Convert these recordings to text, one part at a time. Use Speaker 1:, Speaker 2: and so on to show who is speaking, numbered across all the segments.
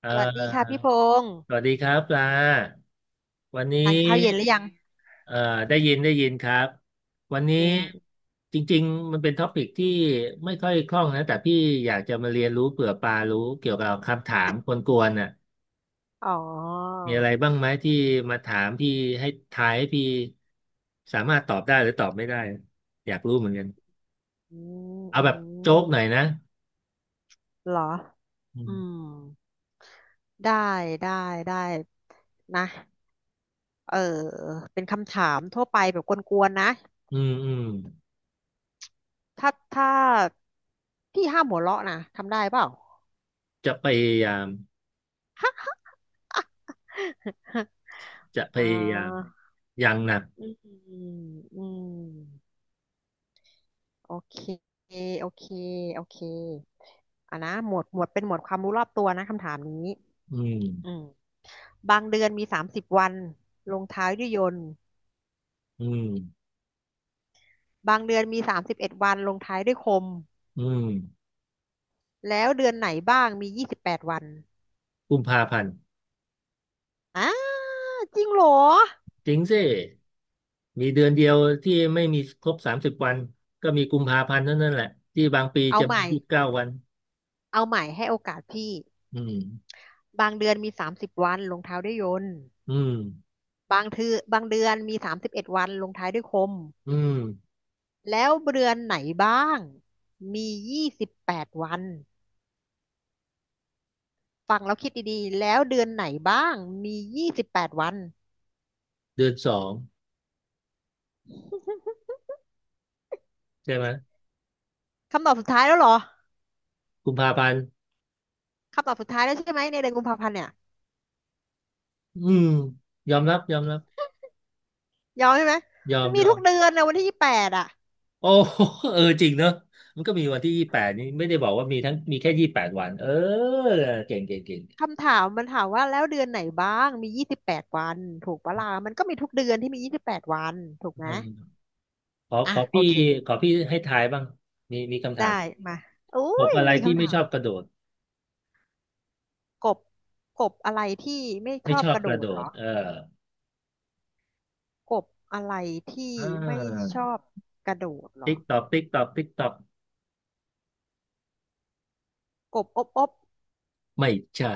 Speaker 1: เอ่
Speaker 2: สวัสดีค่ะ
Speaker 1: อ
Speaker 2: พี่พงษ์
Speaker 1: สวัสดีครับปลา วันนี้
Speaker 2: ทานข้าวเย็นหรือยัง
Speaker 1: เอ่อได้ยินครับ วันนี้
Speaker 2: อืม
Speaker 1: จริงๆมันเป็นท็อปิกที่ไม่ค่อยคล่องนะแต่พี่อยากจะมาเรียนรู้เผื่อปลารู้เกี่ยวกับคำถามกวนๆน่ะ
Speaker 2: อ๋อ
Speaker 1: มีอะไรบ้างไหมที่มาถามพี่ให้ทายให้พี่สามารถตอบได้หรือตอบไม่ได้ อยากรู้เหมือนกัน
Speaker 2: อืม
Speaker 1: เอา
Speaker 2: อื
Speaker 1: แบบโจ๊กหน่อย
Speaker 2: ม
Speaker 1: นะ
Speaker 2: เหรอ
Speaker 1: อื
Speaker 2: อื
Speaker 1: ม
Speaker 2: มได้ได้ได้นะเออเป็นคำถามทั่วไปแบบกวนๆนะ
Speaker 1: อืมอืม
Speaker 2: ถ้าพี่ห้ามหัวเราะนะทำได้เปล่า
Speaker 1: จะพยายาม จะพ
Speaker 2: อ่
Speaker 1: ยายาม
Speaker 2: า
Speaker 1: อย่างหนัก
Speaker 2: อืมอืมโอเคโอเคโอเคอ่ะนะหมวดเป็นหมวดความรู้รอบตัวนะคำถามนี้
Speaker 1: อืม
Speaker 2: อืม บางเดือนมีสามสิบวันลงท้ายด้วยยนต์
Speaker 1: อืม
Speaker 2: บางเดือนมีสามสิบเอ็ดวันลงท้ายด้วยคม
Speaker 1: อืม
Speaker 2: แล้วเดือนไหนบ้างมียี่สิบแปดวัน
Speaker 1: กุมภาพันธ์
Speaker 2: อ้าจริงเหรอ
Speaker 1: จริงสิมีเดือนเดียวที่ไม่มีครบสามสิบวันก็มีกุมภาพันธ์เท่านั้นแหละที่บางปี
Speaker 2: เอา
Speaker 1: จะ
Speaker 2: ให
Speaker 1: มี
Speaker 2: ม่
Speaker 1: ยี่สิบเก้าวัน
Speaker 2: เอาใหม่ให้โอกาสพี่
Speaker 1: อืม
Speaker 2: บางเดือนมีสามสิบวันลงท้ายด้วยยนต์
Speaker 1: อืม
Speaker 2: บางเดือนมีสามสิบเอ็ดวันลงท้ายด้วยคม
Speaker 1: อืม
Speaker 2: แล้วเดือนไหนบ้างมียี่สิบแปดวันฟังแล้วคิดดีๆแล้วเดือนไหนบ้างมียี่สิบแปดวัน
Speaker 1: เดือนสองใช่ไหม
Speaker 2: คำตอบสุดท้ายแล้วเหรอ
Speaker 1: กุมภาพันธ์
Speaker 2: คำตอบสุดท้ายแล้วใช่ไหมในเดือนกุมภาพันธ์เนี่ย
Speaker 1: อืมยอมรับยอมรับ
Speaker 2: ยอมใช่ไหม
Speaker 1: ยอ
Speaker 2: มั
Speaker 1: ม
Speaker 2: นมี
Speaker 1: ยอ
Speaker 2: ทุ
Speaker 1: ม
Speaker 2: กเดือนนะวันที่ยี่สิบแปดอะ
Speaker 1: โอ้ เออจริงเนอะมันก็มีวันที่ยี่แปดนี่ไม่ได้บอกว่ามีทั้งมีแค่ยี่แปดวันเออเก่งเก่งเก่ง
Speaker 2: คำถามมันถามว่าแล้วเดือนไหนบ้างมียี่สิบแปดวันถูกปะล่ะมันก็มีทุกเดือนที่มียี่สิบแปดวันถูกไห
Speaker 1: เอ
Speaker 2: ม
Speaker 1: อขอ
Speaker 2: อ่ะ
Speaker 1: ขอ
Speaker 2: โอ
Speaker 1: พี่
Speaker 2: เค
Speaker 1: ขอพี่ให้ทายบ้างมีมีคำถาม
Speaker 2: ได้มาอุ้
Speaker 1: กบ
Speaker 2: ย
Speaker 1: อะไร
Speaker 2: มี
Speaker 1: ที่
Speaker 2: คำ
Speaker 1: ไม่
Speaker 2: ถา
Speaker 1: ช
Speaker 2: ม
Speaker 1: อบกระโดด
Speaker 2: กบกบอะไรที่ไม่ช
Speaker 1: ไม่
Speaker 2: อ
Speaker 1: ช
Speaker 2: บ
Speaker 1: อบ
Speaker 2: กระ
Speaker 1: ก
Speaker 2: โด
Speaker 1: ระ
Speaker 2: ด
Speaker 1: โด
Speaker 2: เหร
Speaker 1: ด
Speaker 2: อ
Speaker 1: เออ
Speaker 2: กบอะไรที่
Speaker 1: อ่
Speaker 2: ไม่
Speaker 1: า
Speaker 2: ชอบกระโดดเหรอ
Speaker 1: ติ๊กตอกติ๊กตอกติ๊กตอก
Speaker 2: กบอบอบ
Speaker 1: ไม่ใช่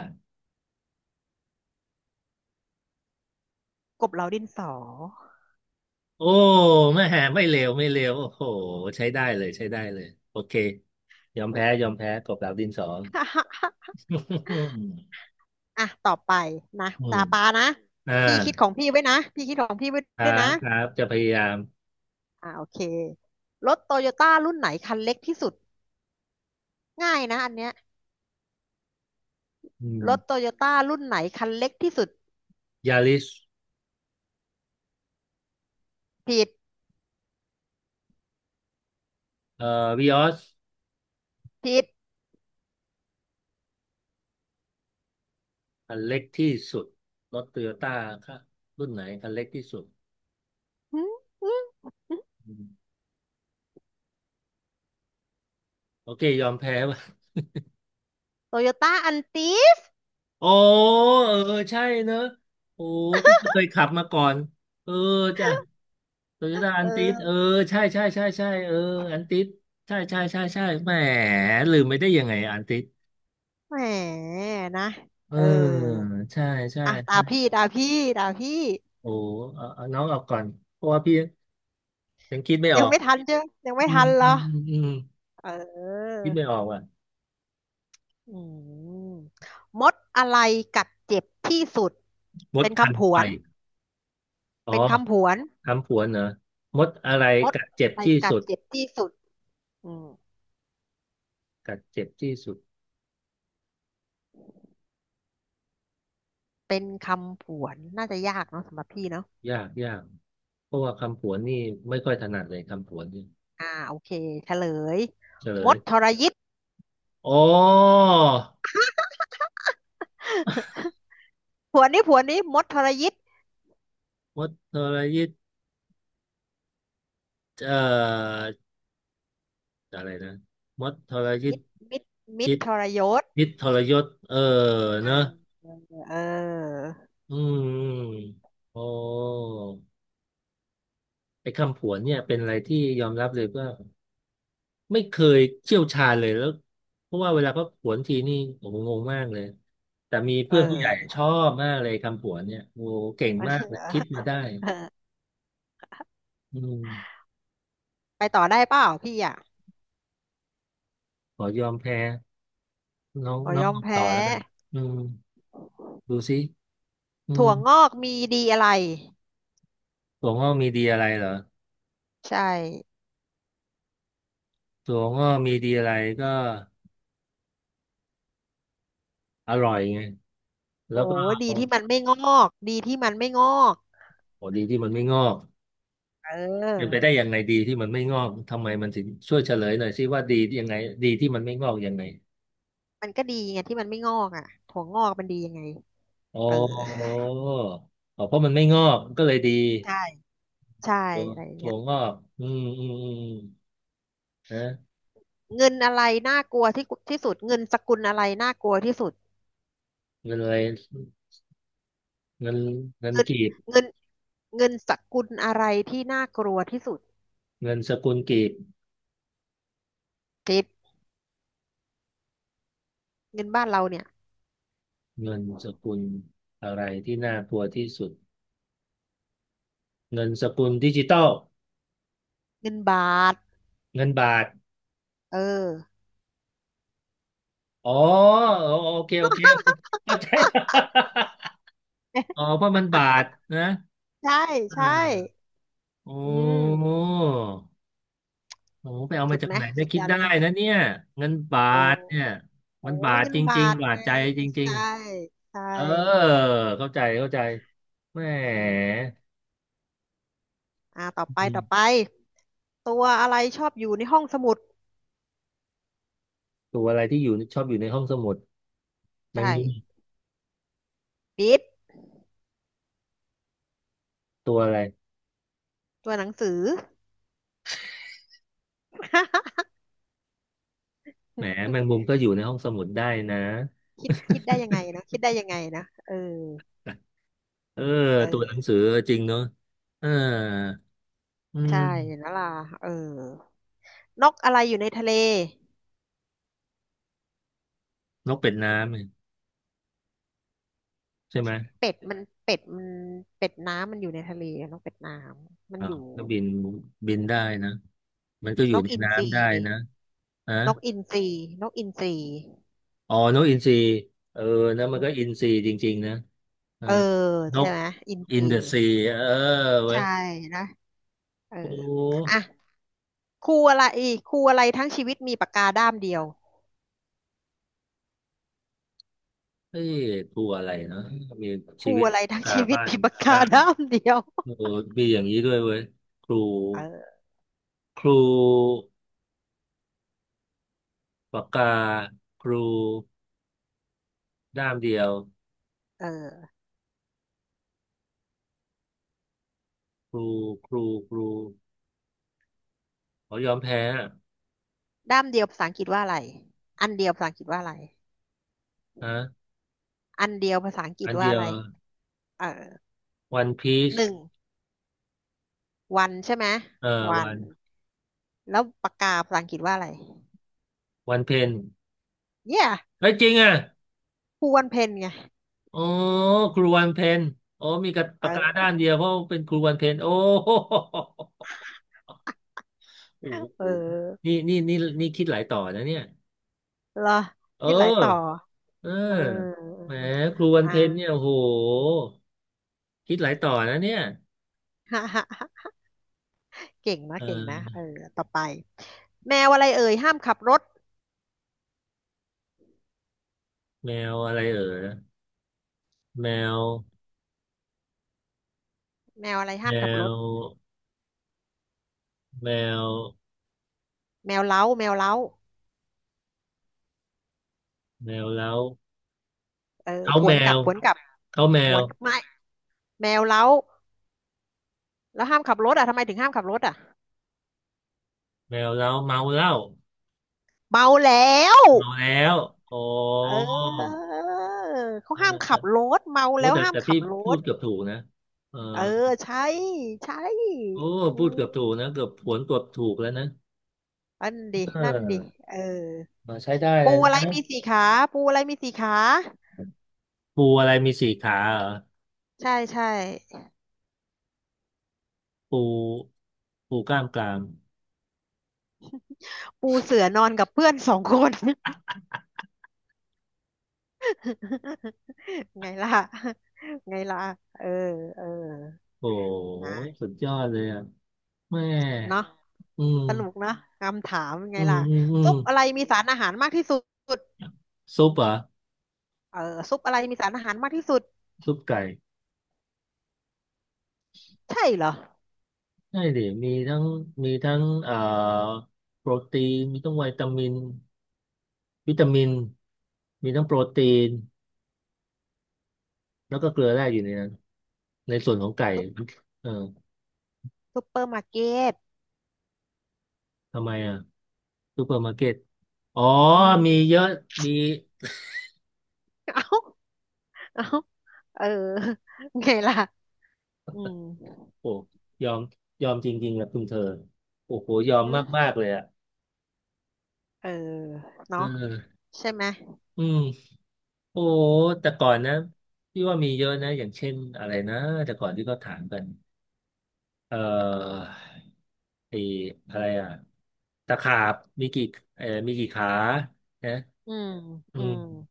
Speaker 2: กบเหลาดินสอ
Speaker 1: โอ้ไม่แหไม่เลวไม่เลวโอ้โหใช้ได้เลยใช้ได้เลยโอเคยอมแพ้ยอมแพ้กบดาวดินสอ อืม
Speaker 2: อ่ะต่อไปนะ
Speaker 1: อ
Speaker 2: ตา
Speaker 1: ม
Speaker 2: ปานะ
Speaker 1: อ่า
Speaker 2: พี่คิดของพี่ไว้นะพี่คิดของพี่ไว้
Speaker 1: ครั
Speaker 2: ด้วยนะ
Speaker 1: บครับจะพยายาม
Speaker 2: อ่าโอเครถโตโยต้ารุ่นไหนคันเล็กที่สุด ง่ายนะอันเนี้ย
Speaker 1: อื
Speaker 2: รถโต
Speaker 1: ม
Speaker 2: โยต้ารุ่นไหนคันเล็กที่สุด
Speaker 1: ยาริส
Speaker 2: ผิด
Speaker 1: เอ่อวีออส
Speaker 2: ผิด
Speaker 1: คันเล็กที่สุดรถโตโยต้าครับรุ่นไหนคันเล็กที่สุดอืมโอเคยอมแพ้ ว่ะ
Speaker 2: โตโยต้าอันติด
Speaker 1: อ๋อเออใช่เนอะโอ้พี่ก็เคยขับมาก่อนเออจ้ะโตโยต้าอั
Speaker 2: เออ
Speaker 1: นติสเออใช่ใช่ใช่ใช่เอออันติสใช่ใช่ใช่ใช่แหมลืมไม่ได้ยังไงอันติส
Speaker 2: แหมนะ
Speaker 1: เออ
Speaker 2: เออ
Speaker 1: ใช่ใช่
Speaker 2: อ่ะตา
Speaker 1: ใช่
Speaker 2: พี่ตาพี่
Speaker 1: โอ้เอาเอาน้องออกก่อนเพราะว่าพี่ยังคิดไม่อ
Speaker 2: ยั
Speaker 1: อ
Speaker 2: ง
Speaker 1: ก
Speaker 2: ไม่ทันเจ้ไยังไม่
Speaker 1: อืม
Speaker 2: ทันเหร
Speaker 1: อืม
Speaker 2: อ
Speaker 1: อืมอืม
Speaker 2: เออ
Speaker 1: คิดไม่ออกว่ะ
Speaker 2: อืมมดอะไรกัดเจ็บที่สุด
Speaker 1: มด
Speaker 2: เป็น
Speaker 1: คัน
Speaker 2: คำผ
Speaker 1: ไฟ
Speaker 2: วน
Speaker 1: อ๋อ
Speaker 2: เป็นคำผวน
Speaker 1: คำผวนเหรอมดอะไร
Speaker 2: มด
Speaker 1: กัดเจ็บ
Speaker 2: ใน
Speaker 1: ที่
Speaker 2: กัด
Speaker 1: สุด
Speaker 2: เจ็บที่สุดอืม
Speaker 1: กัดเจ็บที่สุด
Speaker 2: เป็นคำผวนน่าจะยากเนาะสำหรับพี่เนาะ
Speaker 1: ยากยาก เพราะว่าคำผวนนี่ไม่ค่อยถนัดเลยคำผวนนี่
Speaker 2: อ่าโอเคเฉลย
Speaker 1: เฉล
Speaker 2: ม
Speaker 1: ย
Speaker 2: ดทรยิต
Speaker 1: อ๋อ
Speaker 2: ผวนนี้มดทรยิต
Speaker 1: มดทรยิตเอ่ออะไรนะมดทรยิต
Speaker 2: มิตรมิตรมิต
Speaker 1: ชิ
Speaker 2: ร
Speaker 1: ต
Speaker 2: ทรยศ
Speaker 1: ยิตทรยศเออเน
Speaker 2: อ่
Speaker 1: อะ
Speaker 2: าเออ
Speaker 1: อืมโอ้ไอ้คำผวนเนี่ยเป็นอะไรที่ยอมรับเลยว่าไม่เคยเชี่ยวชาญเลยแล้วเพราะว่าเวลาเขาผวนทีนี่โอ้โหงงมากเลยแต่มี
Speaker 2: เอ
Speaker 1: เพื่อนผู้ใหญ่
Speaker 2: อ
Speaker 1: ชอบมากเลยคำผวนเนี่ยโอ้โหเก่งมากเลยคิด
Speaker 2: เ
Speaker 1: มาได้
Speaker 2: ออ
Speaker 1: อืม
Speaker 2: ไปต่อได้เปล่าพี่อ่ะ
Speaker 1: ขอยอมแพ้น้อง
Speaker 2: ขอ
Speaker 1: น้อ
Speaker 2: ย
Speaker 1: ง
Speaker 2: อ
Speaker 1: อ
Speaker 2: ม
Speaker 1: อกต่
Speaker 2: แพ้
Speaker 1: อแล้วกันอืมดูสิอื
Speaker 2: ถั่
Speaker 1: ม
Speaker 2: วงอกมีดีอะไร
Speaker 1: ถั่วงอกมีดีอะไรเหรอ
Speaker 2: ใช่
Speaker 1: ถั่วงอกมีดีอะไรก็อร่อยไงแล้
Speaker 2: โอ้
Speaker 1: วก็
Speaker 2: ดี
Speaker 1: โ
Speaker 2: ที่มันไม่งอกดีที่มันไม่งอก
Speaker 1: หดีที่มันไม่งอก
Speaker 2: เ
Speaker 1: เป็นไป
Speaker 2: ออ
Speaker 1: ได้ยังไงดีที่มันไม่งอกทำไมมันถึงช่วยเฉลยหน่อยสิว่าดียังไงดีที่มันไม่งอกยังไง
Speaker 2: มันก็ดีไงที่มันไม่งอกอ่ะถั่วงอกมันดียังไง
Speaker 1: อ๋อ
Speaker 2: เออ
Speaker 1: อ๋อเพราะมันไม่งอกก็เลยดี
Speaker 2: ใช่ใช่
Speaker 1: ถั่ว
Speaker 2: อะไรอย่าง
Speaker 1: ถั่
Speaker 2: เงี้
Speaker 1: ว
Speaker 2: ย
Speaker 1: งอกอืมอืมอืมนะ
Speaker 2: เงินอะไรน่ากลัวที่สุดเงินสกุลอะไรน่ากลัวที่สุด
Speaker 1: เงินอะไรเงินเงิน
Speaker 2: เงิน
Speaker 1: กีบ
Speaker 2: เงินเงินสกุลอะไรที่น่ากลัวที่สุด
Speaker 1: เงินสกุลกีบ
Speaker 2: คิดเงินบ้านเราเนี่ย
Speaker 1: เงินสกุลอะไรที่น่ากลัวที่สุดเงินสกุลดิจิตอล
Speaker 2: เงินบาท
Speaker 1: เงินบาท
Speaker 2: เออ
Speaker 1: อ๋อโอโอเคโอเคโอเคเข้าใจ อ๋ อเพราะมันบาทนะ
Speaker 2: ใช่
Speaker 1: อ่
Speaker 2: ใช่
Speaker 1: าโอ้
Speaker 2: อื
Speaker 1: โห
Speaker 2: ม
Speaker 1: ไปเอา
Speaker 2: สุ
Speaker 1: มา
Speaker 2: ด
Speaker 1: จาก
Speaker 2: ไหม
Speaker 1: ไหนได้
Speaker 2: สุด
Speaker 1: คิ
Speaker 2: ย
Speaker 1: ด
Speaker 2: อด
Speaker 1: ได้
Speaker 2: นะ
Speaker 1: นะเนี่ยเงินบา
Speaker 2: โอ้
Speaker 1: ทเนี่ยมั
Speaker 2: โอ้
Speaker 1: นบาท
Speaker 2: เงิ
Speaker 1: จ
Speaker 2: น
Speaker 1: ริง
Speaker 2: บาท
Speaker 1: ๆบาท
Speaker 2: ไง
Speaker 1: ใจจริง
Speaker 2: ใช่ใช่
Speaker 1: ๆเออเข้าใจเข้าใจแหม
Speaker 2: อืมอ่าต่อไปตัวอะไรชอบอยู่ในห้องสมุด
Speaker 1: ตัวอะไรที่อยู่ชอบอยู่ในห้องสมุดแม
Speaker 2: ใช่
Speaker 1: งมุม
Speaker 2: ปิด
Speaker 1: ตัวอะไร
Speaker 2: ตัวหนังสือ
Speaker 1: แหมแมงมุมก็อยู่ในห้องสมุดได้นะ
Speaker 2: คิดได้ยังไงนะคิดได้ยังไงนะเออ
Speaker 1: เออ
Speaker 2: เอ
Speaker 1: ตัวหนัง
Speaker 2: อ
Speaker 1: สือจริงเนอะเอออื
Speaker 2: ใช่
Speaker 1: ม
Speaker 2: เห็นแลวล่ะเออนกอะไรอยู่ในทะเล
Speaker 1: นกเป็ดน้ำเนี่ยใช่ไหม
Speaker 2: เป็ดมันเป็ดมันเป็ดน้ำมันอยู่ในทะเลอะนกเป็ดน้ำมัน
Speaker 1: อ้า
Speaker 2: อ
Speaker 1: ว
Speaker 2: ยู่
Speaker 1: ก็บินบินได้นะมันก็อ
Speaker 2: น
Speaker 1: ยู่
Speaker 2: ก
Speaker 1: ใน
Speaker 2: อินทรี
Speaker 1: น้ำได้
Speaker 2: ดิ
Speaker 1: นะฮะ
Speaker 2: นกอินทรีนกอินทรี
Speaker 1: อ๋อนกอินทรีเออนะมั
Speaker 2: อื
Speaker 1: น
Speaker 2: ม
Speaker 1: ก็อินทรีจริงๆนะเออ
Speaker 2: เออ
Speaker 1: น
Speaker 2: ใช่
Speaker 1: ก
Speaker 2: ไหมอินท
Speaker 1: อิน
Speaker 2: รี
Speaker 1: เดอะซีเออเว้ย
Speaker 2: ใช่นะเออ
Speaker 1: โอ
Speaker 2: อ่ะ
Speaker 1: ้
Speaker 2: ครูอะไรครูอะไรทั้งชีวิตมีปากกาด้ามเดียว
Speaker 1: เฮ้ยตัวอะไรเนาะมี
Speaker 2: ค
Speaker 1: ชี
Speaker 2: รู
Speaker 1: วิต
Speaker 2: อะไรทั้ง
Speaker 1: คา
Speaker 2: ชีวิต
Speaker 1: บ้าน
Speaker 2: มีปากกา
Speaker 1: ด้าง
Speaker 2: ด้ามเดียว
Speaker 1: โอ้มีอย่างนี้ด้วยเว้ยครู
Speaker 2: เออ
Speaker 1: ครู ปากกาครูด้ามเดียว
Speaker 2: เออ
Speaker 1: ครูครูครูขอยอมแพ้
Speaker 2: ด้ามเดียวภาษาอังกฤษว่าอะไรอันเดียวภาษาอังกฤษว่าอะไร
Speaker 1: อะฮะ
Speaker 2: อันเดียวภาษาอังกฤ
Speaker 1: อั
Speaker 2: ษ
Speaker 1: น
Speaker 2: ว่า
Speaker 1: เดีย
Speaker 2: อะ
Speaker 1: ว
Speaker 2: ไรเออ
Speaker 1: วันพีซ
Speaker 2: หนึ่งวันใช่ไหม
Speaker 1: เอ่อ
Speaker 2: วั
Speaker 1: วั
Speaker 2: น
Speaker 1: น
Speaker 2: แล้วปากกาภาษาอังกฤษว่าอะไร
Speaker 1: วันเพน
Speaker 2: เย a
Speaker 1: เอ้ยจริงอ่ะ
Speaker 2: คูวันเพนไง
Speaker 1: โอ้ครูวันเพนโอ้มีกับปากกาด้า
Speaker 2: เออ
Speaker 1: มเดียวเพราะเป็นครูวันเพนโอ้โหโอ้โ
Speaker 2: เอ
Speaker 1: ห
Speaker 2: อ
Speaker 1: นี่นี่นี่นี่คิดหลายต่อนะเนี่ย
Speaker 2: หรอ
Speaker 1: เอ
Speaker 2: ยึดหลาย
Speaker 1: อ
Speaker 2: ต่อ
Speaker 1: เออ
Speaker 2: เออ
Speaker 1: แหมครูวันเพนเนี่ย
Speaker 2: อ่า
Speaker 1: โอ้โหคิดหลายต่อนะเนี่ย
Speaker 2: ฮ่าฮ่าเก่งนะ
Speaker 1: เ
Speaker 2: เก่งนะเอ
Speaker 1: ออ
Speaker 2: อต่อไปแมวอะไรเอ่ยห้ามขับรถ
Speaker 1: แมวอะไรเออแมว
Speaker 2: แมวอะไร
Speaker 1: แม
Speaker 2: ห้ามขับรถ
Speaker 1: วแมว
Speaker 2: แมวเล้า
Speaker 1: แมวแล้ว
Speaker 2: เออ
Speaker 1: เขา
Speaker 2: ผ
Speaker 1: แม
Speaker 2: วนกลับ
Speaker 1: ว
Speaker 2: ผวนกลับ
Speaker 1: เขาแม
Speaker 2: หม
Speaker 1: ว
Speaker 2: วนไม่แมวเล้าแล้วห้ามขับรถอ่ะทำไมถึงห้ามขับรถอ่ะ
Speaker 1: แมวแล้วเมาเหล้า
Speaker 2: เมาแล้ว
Speaker 1: เมาแล้วอ๋อ
Speaker 2: เออเขา
Speaker 1: เออ
Speaker 2: ห้าม
Speaker 1: แต่
Speaker 2: ขับรถเมา
Speaker 1: โอ้
Speaker 2: แล้ว
Speaker 1: แต่
Speaker 2: ห้าม
Speaker 1: แต่
Speaker 2: ขั
Speaker 1: พี่
Speaker 2: บร
Speaker 1: พูด
Speaker 2: ถ
Speaker 1: เกือบถูกนะเออ
Speaker 2: เออใช่ใช่
Speaker 1: โอ้
Speaker 2: อื
Speaker 1: พูดเกือบถูก
Speaker 2: ม
Speaker 1: นะเกือบผวนเกือบถูกแล้วนะ
Speaker 2: นั่นดิ
Speaker 1: เอ
Speaker 2: นั่นดิ
Speaker 1: อ
Speaker 2: เออ
Speaker 1: มาใช้ได้เล
Speaker 2: ปู
Speaker 1: ย
Speaker 2: อะไร
Speaker 1: นะ
Speaker 2: มีสี่ขาปูอะไรมีสี่ขา
Speaker 1: ปูอะไรมีสี่ขาเหรอ
Speaker 2: ใช่ใช่
Speaker 1: ปูปูกล้ามกราม
Speaker 2: ปูเสือนอนกับเพื่อนสองคน ไงล่ะไงล่ะเออเออ
Speaker 1: โอ้
Speaker 2: นะ
Speaker 1: สุดยอดเลยอ่ะแม่
Speaker 2: เนาะ
Speaker 1: อื
Speaker 2: สนุก
Speaker 1: ม
Speaker 2: เนาะคำถามไง
Speaker 1: อืม
Speaker 2: ล่ะ
Speaker 1: อืมอื
Speaker 2: ซุ
Speaker 1: ม
Speaker 2: ปอะไรมีสารอาหารมากที่สุด
Speaker 1: ซุปเหรอ
Speaker 2: เออซุปอะไรมีสารอาหารมากที่สุด
Speaker 1: ซุปไก่
Speaker 2: ใช่เหรอ
Speaker 1: ใช่ดิมีทั้งมีทั้งโปรตีนมีทั้งวิตามินวิตามินมีทั้งโปรตีนแล้วก็เกลือแร่อยู่ในนั้นในส่วนของไก่
Speaker 2: ซุป
Speaker 1: เออ
Speaker 2: ซุปเปอร์มาร์เก็ต
Speaker 1: ทำไมอ่ะซูเปอร์มาร์เก็ตอ๋อ
Speaker 2: อืม
Speaker 1: มีเยอะมี
Speaker 2: เอ้าเอ้าเออ ไงล่ะอืม
Speaker 1: โอ้ยอมยอมจริงๆนะคุณเธอโอ้โหยอม
Speaker 2: อืม
Speaker 1: มากๆเลยอ่ะ
Speaker 2: เออ
Speaker 1: เอ
Speaker 2: เนาะ
Speaker 1: อ
Speaker 2: ใช่ไหม
Speaker 1: อืมโอ้แต่ก่อนนะพี่ว่ามีเยอะนะอย่างเช่นอะไรนะแต่ก่อนที่เขาถามกันเอ่อ ไอ้อะไรอ่ะตะขาบมีกี่มีกี่ขานะ
Speaker 2: อืม
Speaker 1: อื
Speaker 2: อืม
Speaker 1: ม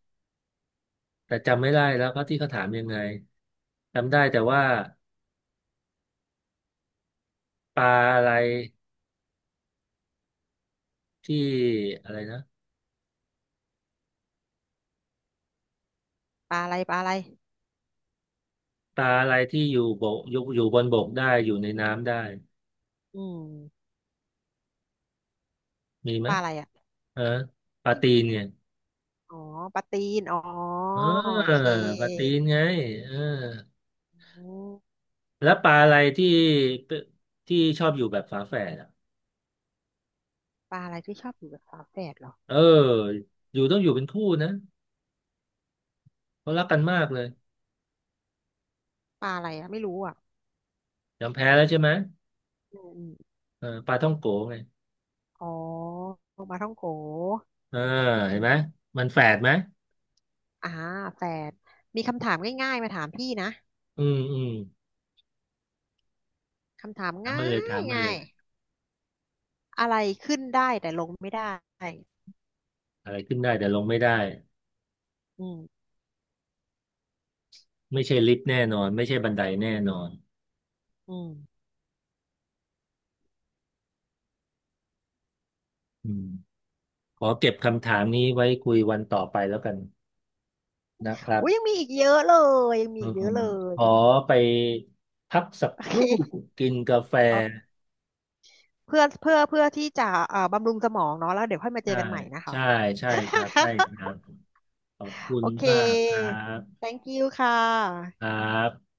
Speaker 1: แต่จำไม่ได้ แล้วก็ที่เขาถามยังไงจำได้แต่ว่าปลาอะไรที่อะไรนะ
Speaker 2: ปลาอะไร
Speaker 1: ปลาอะไรที่อยู่บกอยู่อยู่บนบกได้อยู่ในน้ำได้
Speaker 2: อืม
Speaker 1: มีไหม
Speaker 2: ปลาอะไรอ่ะ
Speaker 1: เออปลา
Speaker 2: อืม
Speaker 1: ตีนเนี่ย
Speaker 2: อ๋อปลาตีนอ๋อ
Speaker 1: เ
Speaker 2: โอ
Speaker 1: ออ
Speaker 2: เ
Speaker 1: ปลาตี
Speaker 2: ค
Speaker 1: นไงเออ
Speaker 2: อืม
Speaker 1: แล้วปลาอะไรที่เป็นที่ชอบอยู่แบบฝาแฝดอ่ะ
Speaker 2: ปลาอะไรที่ชอบอยู่กับฝาแฝดเหรอ
Speaker 1: เอออยู่ต้องอยู่เป็นคู่นะเขารักกันมากเลย
Speaker 2: ปลาอะไรอ่ะไม่รู้อ่ะ
Speaker 1: ยอมแพ้แล้วใช่ไหม
Speaker 2: อืมอม
Speaker 1: เออปลาท่องโกไง
Speaker 2: อ๋อปลาท่องโก
Speaker 1: เออเห็
Speaker 2: อื
Speaker 1: นไหม
Speaker 2: ม
Speaker 1: มันแฝดไหม
Speaker 2: อ่าแฝดมีคำถามง่ายๆมาถามพี่นะ
Speaker 1: อืม
Speaker 2: คำถาม
Speaker 1: ถามมา
Speaker 2: ง่า
Speaker 1: เลยถา
Speaker 2: ย
Speaker 1: มมาเล
Speaker 2: ง่า
Speaker 1: ย
Speaker 2: ยอะไรขึ้นได้แต่ลงไม่ได้
Speaker 1: อะไรขึ้นได้แต่ลงไม่ได้
Speaker 2: อืม
Speaker 1: ไม่ใช่ลิฟต์แน่นอนไม่ใช่บันไดแน่นอน
Speaker 2: อืม
Speaker 1: อืมขอเก็บคำถามนี้ไว้คุยวันต่อไปแล้วกันนะครับ
Speaker 2: อุ้ยยังมีอีกเยอะเลยยังมี
Speaker 1: เออ
Speaker 2: อีกเยอะเล
Speaker 1: ข
Speaker 2: ย
Speaker 1: อไปพักสัก
Speaker 2: โอ
Speaker 1: ค
Speaker 2: เค
Speaker 1: รู่กินกาแฟ
Speaker 2: เออเพื่อที่จะบำรุงสมองเนาะแล้วเดี๋ยวค่อยมาเจอ
Speaker 1: ใช่
Speaker 2: กันใหม่นะคะ
Speaker 1: ใช่ ใช่ครับใช่ครับขอบคุ
Speaker 2: โอ
Speaker 1: ณ
Speaker 2: เค
Speaker 1: มากครับ
Speaker 2: thank you ค่
Speaker 1: ครั
Speaker 2: ะ
Speaker 1: บ